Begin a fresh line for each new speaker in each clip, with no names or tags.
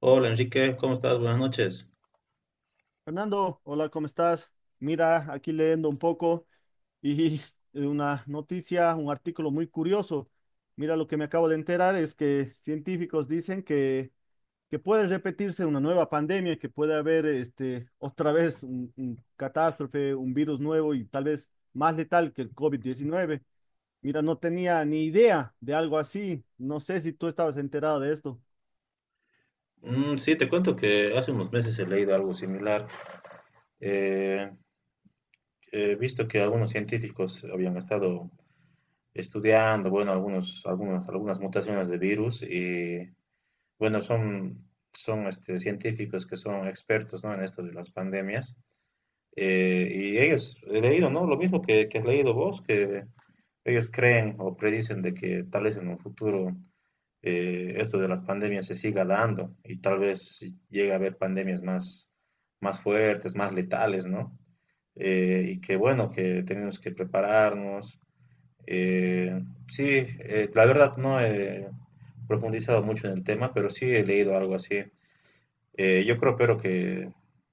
Hola Enrique, ¿cómo estás? Buenas noches.
Fernando, hola, ¿cómo estás? Mira, aquí leyendo un poco y una noticia, un artículo muy curioso. Mira, lo que me acabo de enterar es que científicos dicen que puede repetirse una nueva pandemia, que puede haber este, otra vez un catástrofe, un virus nuevo y tal vez más letal que el COVID-19. Mira, no tenía ni idea de algo así. No sé si tú estabas enterado de esto.
Mm, sí, te cuento que hace unos meses he leído algo similar. Eh, He visto que algunos científicos habían estado estudiando, bueno, algunas mutaciones de virus y, bueno, son, son este, científicos que son expertos, ¿no?, en esto de las pandemias. Y ellos, he leído, ¿no?, lo mismo que has leído vos, que ellos creen o predicen de que tal vez en un futuro esto de las pandemias se siga dando y tal vez llegue a haber pandemias más fuertes, más letales, ¿no? Y que bueno, que tenemos que prepararnos. Eh, sí, la verdad no he profundizado mucho en el tema, pero sí he leído algo así. Yo creo, pero que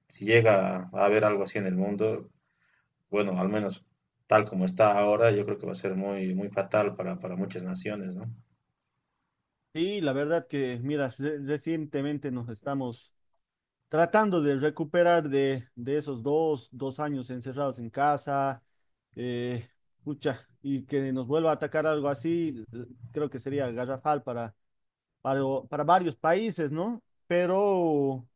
si llega a haber algo así en el mundo, bueno, al menos tal como está ahora, yo creo que va a ser muy, muy fatal para muchas naciones, ¿no?
Sí, la verdad que, mira, recientemente nos estamos tratando de recuperar de esos dos años encerrados en casa, eh, pucha, y que nos vuelva a atacar algo así, creo que sería garrafal para, para varios países, ¿no? Pero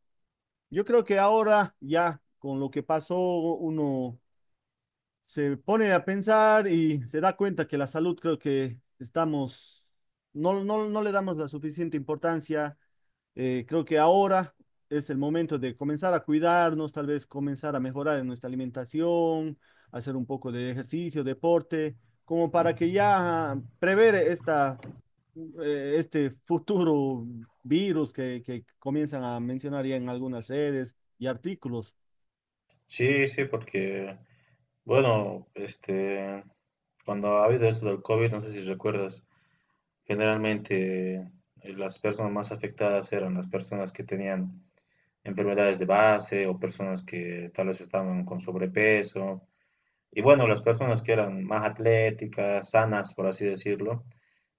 yo creo que ahora ya con lo que pasó, uno se pone a pensar y se da cuenta que la salud creo que estamos, no, no, no le damos la suficiente importancia creo que ahora es el momento de comenzar a cuidarnos, tal vez comenzar a mejorar en nuestra alimentación, hacer un poco de ejercicio, deporte, como para que ya prever esta, este futuro virus que comienzan a mencionar ya en algunas redes y artículos.
Sí, sí, porque bueno, este, cuando ha habido esto del COVID, no sé si recuerdas, generalmente las personas más afectadas eran las personas que tenían enfermedades de base o personas que tal vez estaban con sobrepeso. Y bueno, las personas que eran más atléticas, sanas, por así decirlo,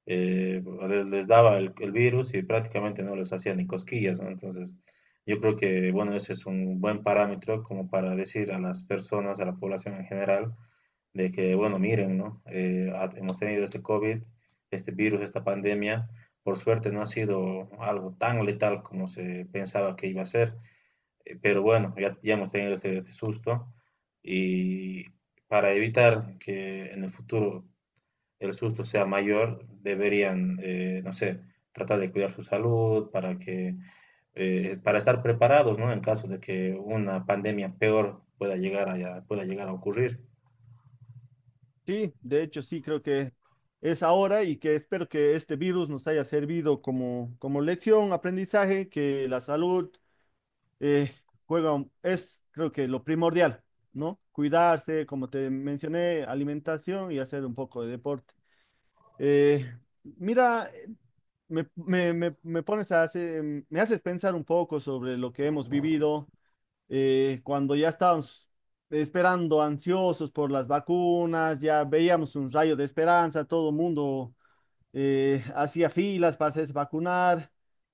eh, les daba el virus y prácticamente no les hacía ni cosquillas, ¿no? Entonces, yo creo que, bueno, ese es un buen parámetro como para decir a las personas, a la población en general, de que, bueno, miren, ¿no? Hemos tenido este COVID, este virus, esta pandemia. Por suerte no ha sido algo tan letal como se pensaba que iba a ser, pero bueno, ya hemos tenido este susto y para evitar que en el futuro el susto sea mayor, deberían, no sé, tratar de cuidar su salud para que, para estar preparados, ¿no? En caso de que una pandemia peor pueda llegar pueda llegar a ocurrir.
Sí, de hecho sí, creo que es ahora y que espero que este virus nos haya servido como, como lección, aprendizaje, que la salud eh, juega, es creo que lo primordial, ¿no? Cuidarse, como te mencioné, alimentación y hacer un poco de deporte. Eh, mira, me pones a hacer, me haces pensar un poco sobre lo que hemos vivido cuando ya estábamos esperando ansiosos por las vacunas, ya veíamos un rayo de esperanza, todo el mundo hacía filas para hacerse vacunar,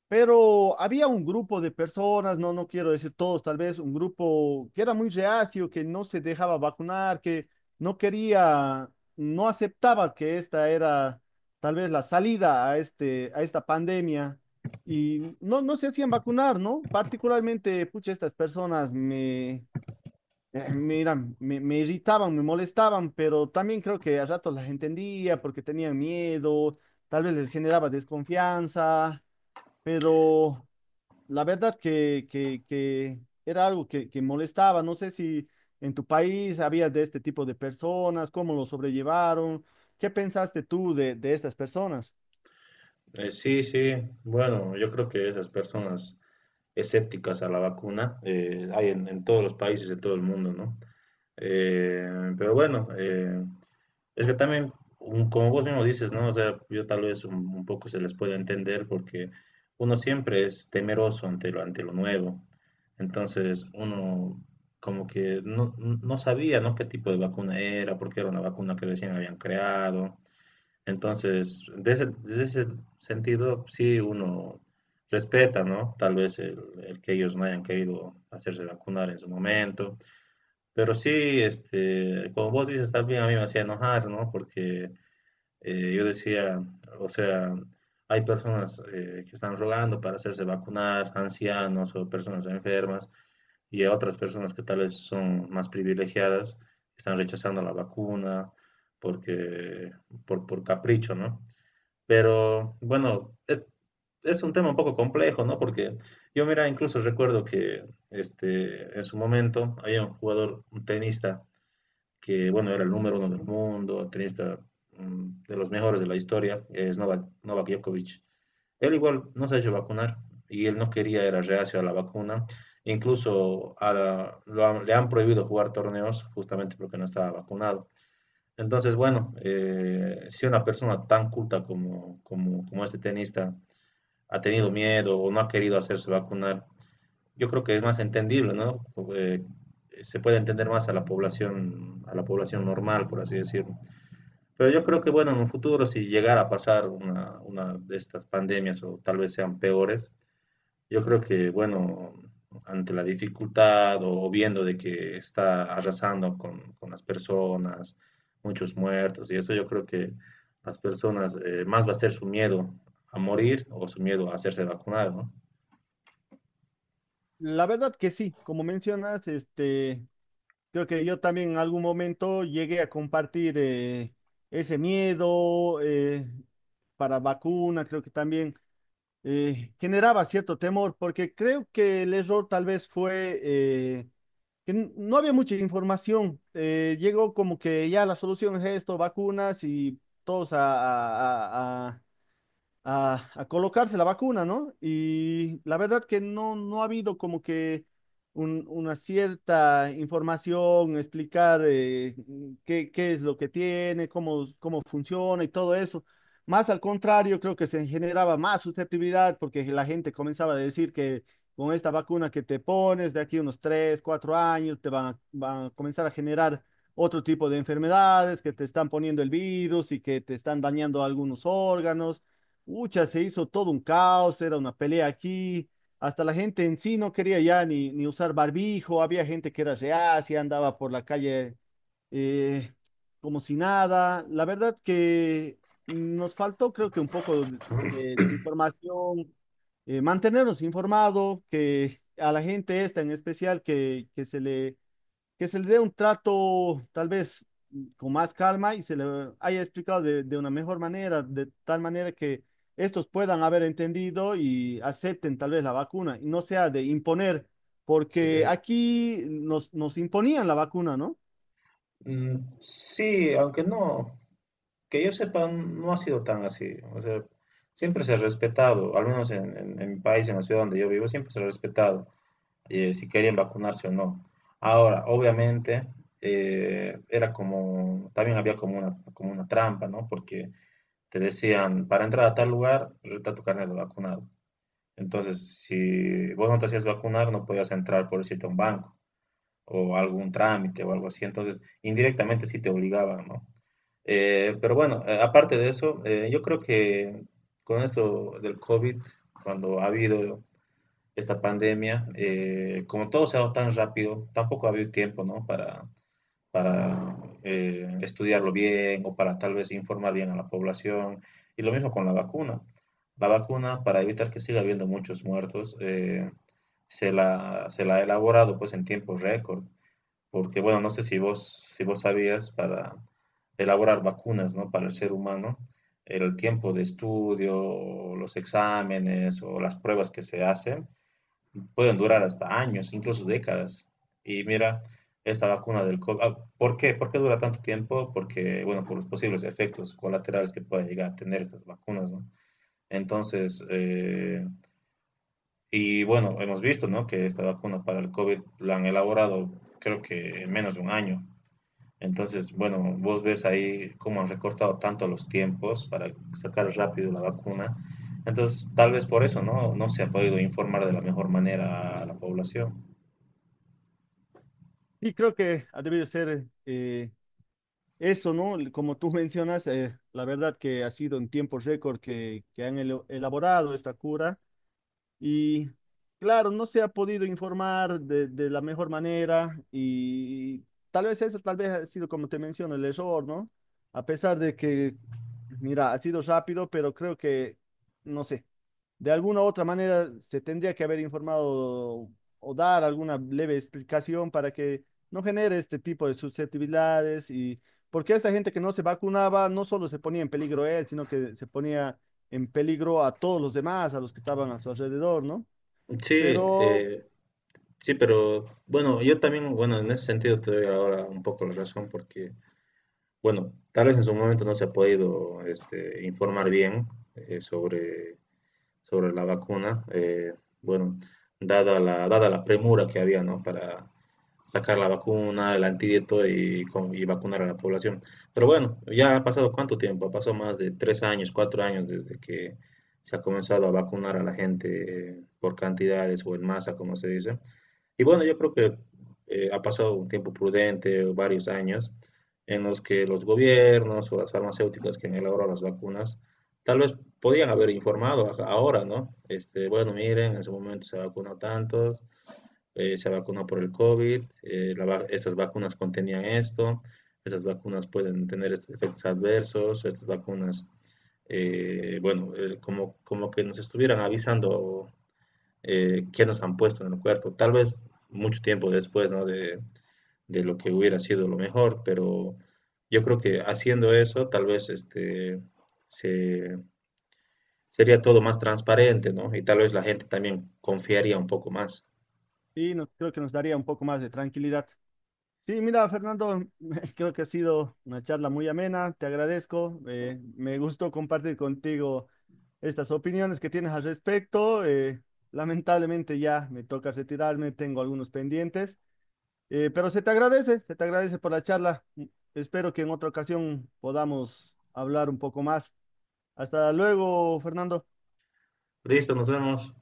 pero había un grupo de personas, no, no quiero decir todos, tal vez un grupo que era muy reacio, que no se dejaba vacunar, que no quería, no aceptaba que esta era tal vez la salida a este, a esta pandemia. Y no, no se hacían vacunar, ¿no? Particularmente, pucha, estas personas mira, me irritaban, me molestaban, pero también creo que a ratos las entendía porque tenían miedo, tal vez les generaba desconfianza, pero la verdad que era algo que molestaba. No sé si en tu país había de este tipo de personas, cómo lo sobrellevaron, qué pensaste tú de estas personas.
Sí, sí. Bueno, yo creo que esas personas escépticas a la vacuna, hay en todos los países de todo el mundo, ¿no? Pero bueno, es que también, como vos mismo dices, ¿no? O sea, yo tal vez un poco se les puede entender porque uno siempre es temeroso ante ante lo nuevo. Entonces, uno como que no sabía, ¿no?, qué tipo de vacuna era, porque era una vacuna que recién habían creado. Entonces, de ese sentido, sí uno respeta, ¿no? Tal vez el que ellos no hayan querido hacerse vacunar en su momento. Pero sí, este, como vos dices, también a mí me hacía enojar, ¿no? Porque, yo decía, o sea, hay personas, que están rogando para hacerse vacunar, ancianos o personas enfermas, y a otras personas que tal vez son más privilegiadas, están rechazando la vacuna porque, por capricho, ¿no? Pero bueno, es un tema un poco complejo, ¿no? Porque yo, mira, incluso recuerdo que este, en su momento había un jugador, un tenista, que bueno, era el número uno del mundo, tenista, mm, de los mejores de la historia, es Novak Djokovic. Él igual no se ha hecho vacunar y él no quería, era reacio a la vacuna. Incluso a la- lo han- le han prohibido jugar torneos justamente porque no estaba vacunado. Entonces, bueno, si una persona tan culta como este tenista ha tenido miedo o no ha querido hacerse vacunar, yo creo que es más entendible, ¿no? Eh, se puede entender más a la población normal, por así decirlo. Pero yo creo que, bueno, en un futuro, si llegara a pasar una de estas pandemias o tal vez sean peores, yo creo que, bueno, ante la dificultad o viendo de que está arrasando con las personas, muchos muertos y eso, yo creo que las personas, más va a ser su miedo a morir o su miedo a hacerse vacunar, ¿no?
La verdad que sí, como mencionas, este. Creo que yo también en algún momento llegué a compartir ese miedo para vacuna, creo que también generaba cierto temor, porque creo que el error tal vez fue que no había mucha información. Llegó como que ya la solución es esto, vacunas y todos a, a colocarse la vacuna, ¿no? Y la verdad que no, no ha habido como que una cierta información, explicar qué, qué es lo que tiene, cómo, cómo funciona y todo eso. Más al contrario, creo que se generaba más susceptibilidad porque la gente comenzaba a decir que con esta vacuna que te pones de aquí unos 3 4 años te van a, van a comenzar a generar otro tipo de enfermedades, que te están poniendo el virus y que te están dañando algunos órganos. Ucha, se hizo todo un caos, era una pelea aquí, hasta la gente en sí no quería ya ni, ni usar barbijo, había gente que era reacia, andaba por la calle eh, como si nada. La verdad que nos faltó creo que un poco de, de información, mantenernos informados, que a la gente esta en especial que se le dé un trato tal vez con más calma y se le haya explicado de una mejor manera, de tal manera que estos puedan haber entendido y acepten tal vez la vacuna y no sea de imponer, porque
Eh,
aquí nos, nos imponían la vacuna, ¿no?
sí, aunque no, que yo sepa, no ha sido tan así. O sea, siempre se ha respetado, al menos en mi país, en la ciudad donde yo vivo, siempre se ha respetado, si querían vacunarse o no. Ahora, obviamente, era como, también había como una trampa, ¿no? Porque te decían, para entrar a tal lugar, reta tu carnet de vacunado. Entonces, si vos no te hacías vacunar, no podías entrar, por decirte, a un banco o algún trámite o algo así. Entonces, indirectamente sí te obligaban, ¿no? Pero bueno, aparte de eso, yo creo que con esto del COVID, cuando ha habido esta pandemia, como todo se ha dado tan rápido, tampoco ha habido tiempo, ¿no? Para, estudiarlo bien o para tal vez informar bien a la población. Y lo mismo con la vacuna. La vacuna, para evitar que siga habiendo muchos muertos, se la ha elaborado pues en tiempo récord. Porque, bueno, no sé si vos sabías, para elaborar vacunas, ¿no?, para el ser humano, el tiempo de estudio, los exámenes o las pruebas que se hacen, pueden durar hasta años, incluso décadas. Y mira, esta vacuna del COVID, ah, ¿por qué? ¿Por qué dura tanto tiempo? Porque, bueno, por los posibles efectos colaterales que pueden llegar a tener estas vacunas, ¿no? Entonces, y bueno, hemos visto, ¿no?, que esta vacuna para el COVID la han elaborado creo que en menos de un año. Entonces, bueno, vos ves ahí cómo han recortado tanto los tiempos para sacar rápido la vacuna. Entonces, tal vez por eso, ¿no?, no se ha podido informar de la mejor manera a la población.
Y creo que ha debido ser eso, ¿no? Como tú mencionas, la verdad que ha sido en tiempo récord que han elaborado esta cura. Y claro, no se ha podido informar de la mejor manera y tal vez eso, tal vez ha sido como te menciono, el error, ¿no? A pesar de que, mira, ha sido rápido, pero creo que, no sé, de alguna u otra manera se tendría que haber informado o dar alguna leve explicación para que no genere este tipo de susceptibilidades y porque esta gente que no se vacunaba no solo se ponía en peligro él, sino que se ponía en peligro a todos los demás, a los que estaban a su alrededor, ¿no?
Sí,
Pero
eh, sí, pero bueno, yo también, bueno, en ese sentido te doy ahora un poco la razón porque, bueno, tal vez en su momento no se ha podido este, informar bien, eh, sobre sobre la vacuna, bueno, dada la premura que había, ¿no?, para sacar la vacuna, el antídoto y vacunar a la población. Pero bueno, ya ha pasado cuánto tiempo, ha pasado más de 3 años, 4 años desde que se ha comenzado a vacunar a la gente, por cantidades o en masa, como se dice. Y bueno, yo creo que, ha pasado un tiempo prudente, varios años, en los que los gobiernos o las farmacéuticas que han elaborado las vacunas, tal vez podían haber informado ahora, ¿no? Este, bueno, miren, en su momento se vacunó tantos, se vacunó por el COVID, estas vacunas contenían esto, estas vacunas pueden tener estos efectos adversos, estas vacunas, bueno, como que nos estuvieran avisando, que nos han puesto en el cuerpo. Tal vez mucho tiempo después, ¿no?, de lo que hubiera sido lo mejor, pero yo creo que haciendo eso, tal vez este, se, sería todo más transparente, ¿no? Y tal vez la gente también confiaría un poco más.
sí, creo que nos daría un poco más de tranquilidad. Sí, mira, Fernando, creo que ha sido una charla muy amena, te agradezco, me gustó compartir contigo estas opiniones que tienes al respecto. Lamentablemente ya me toca retirarme, tengo algunos pendientes, pero se te agradece por la charla. Mm, espero que en otra ocasión podamos hablar un poco más. Hasta luego, Fernando.
Listo, nos vemos.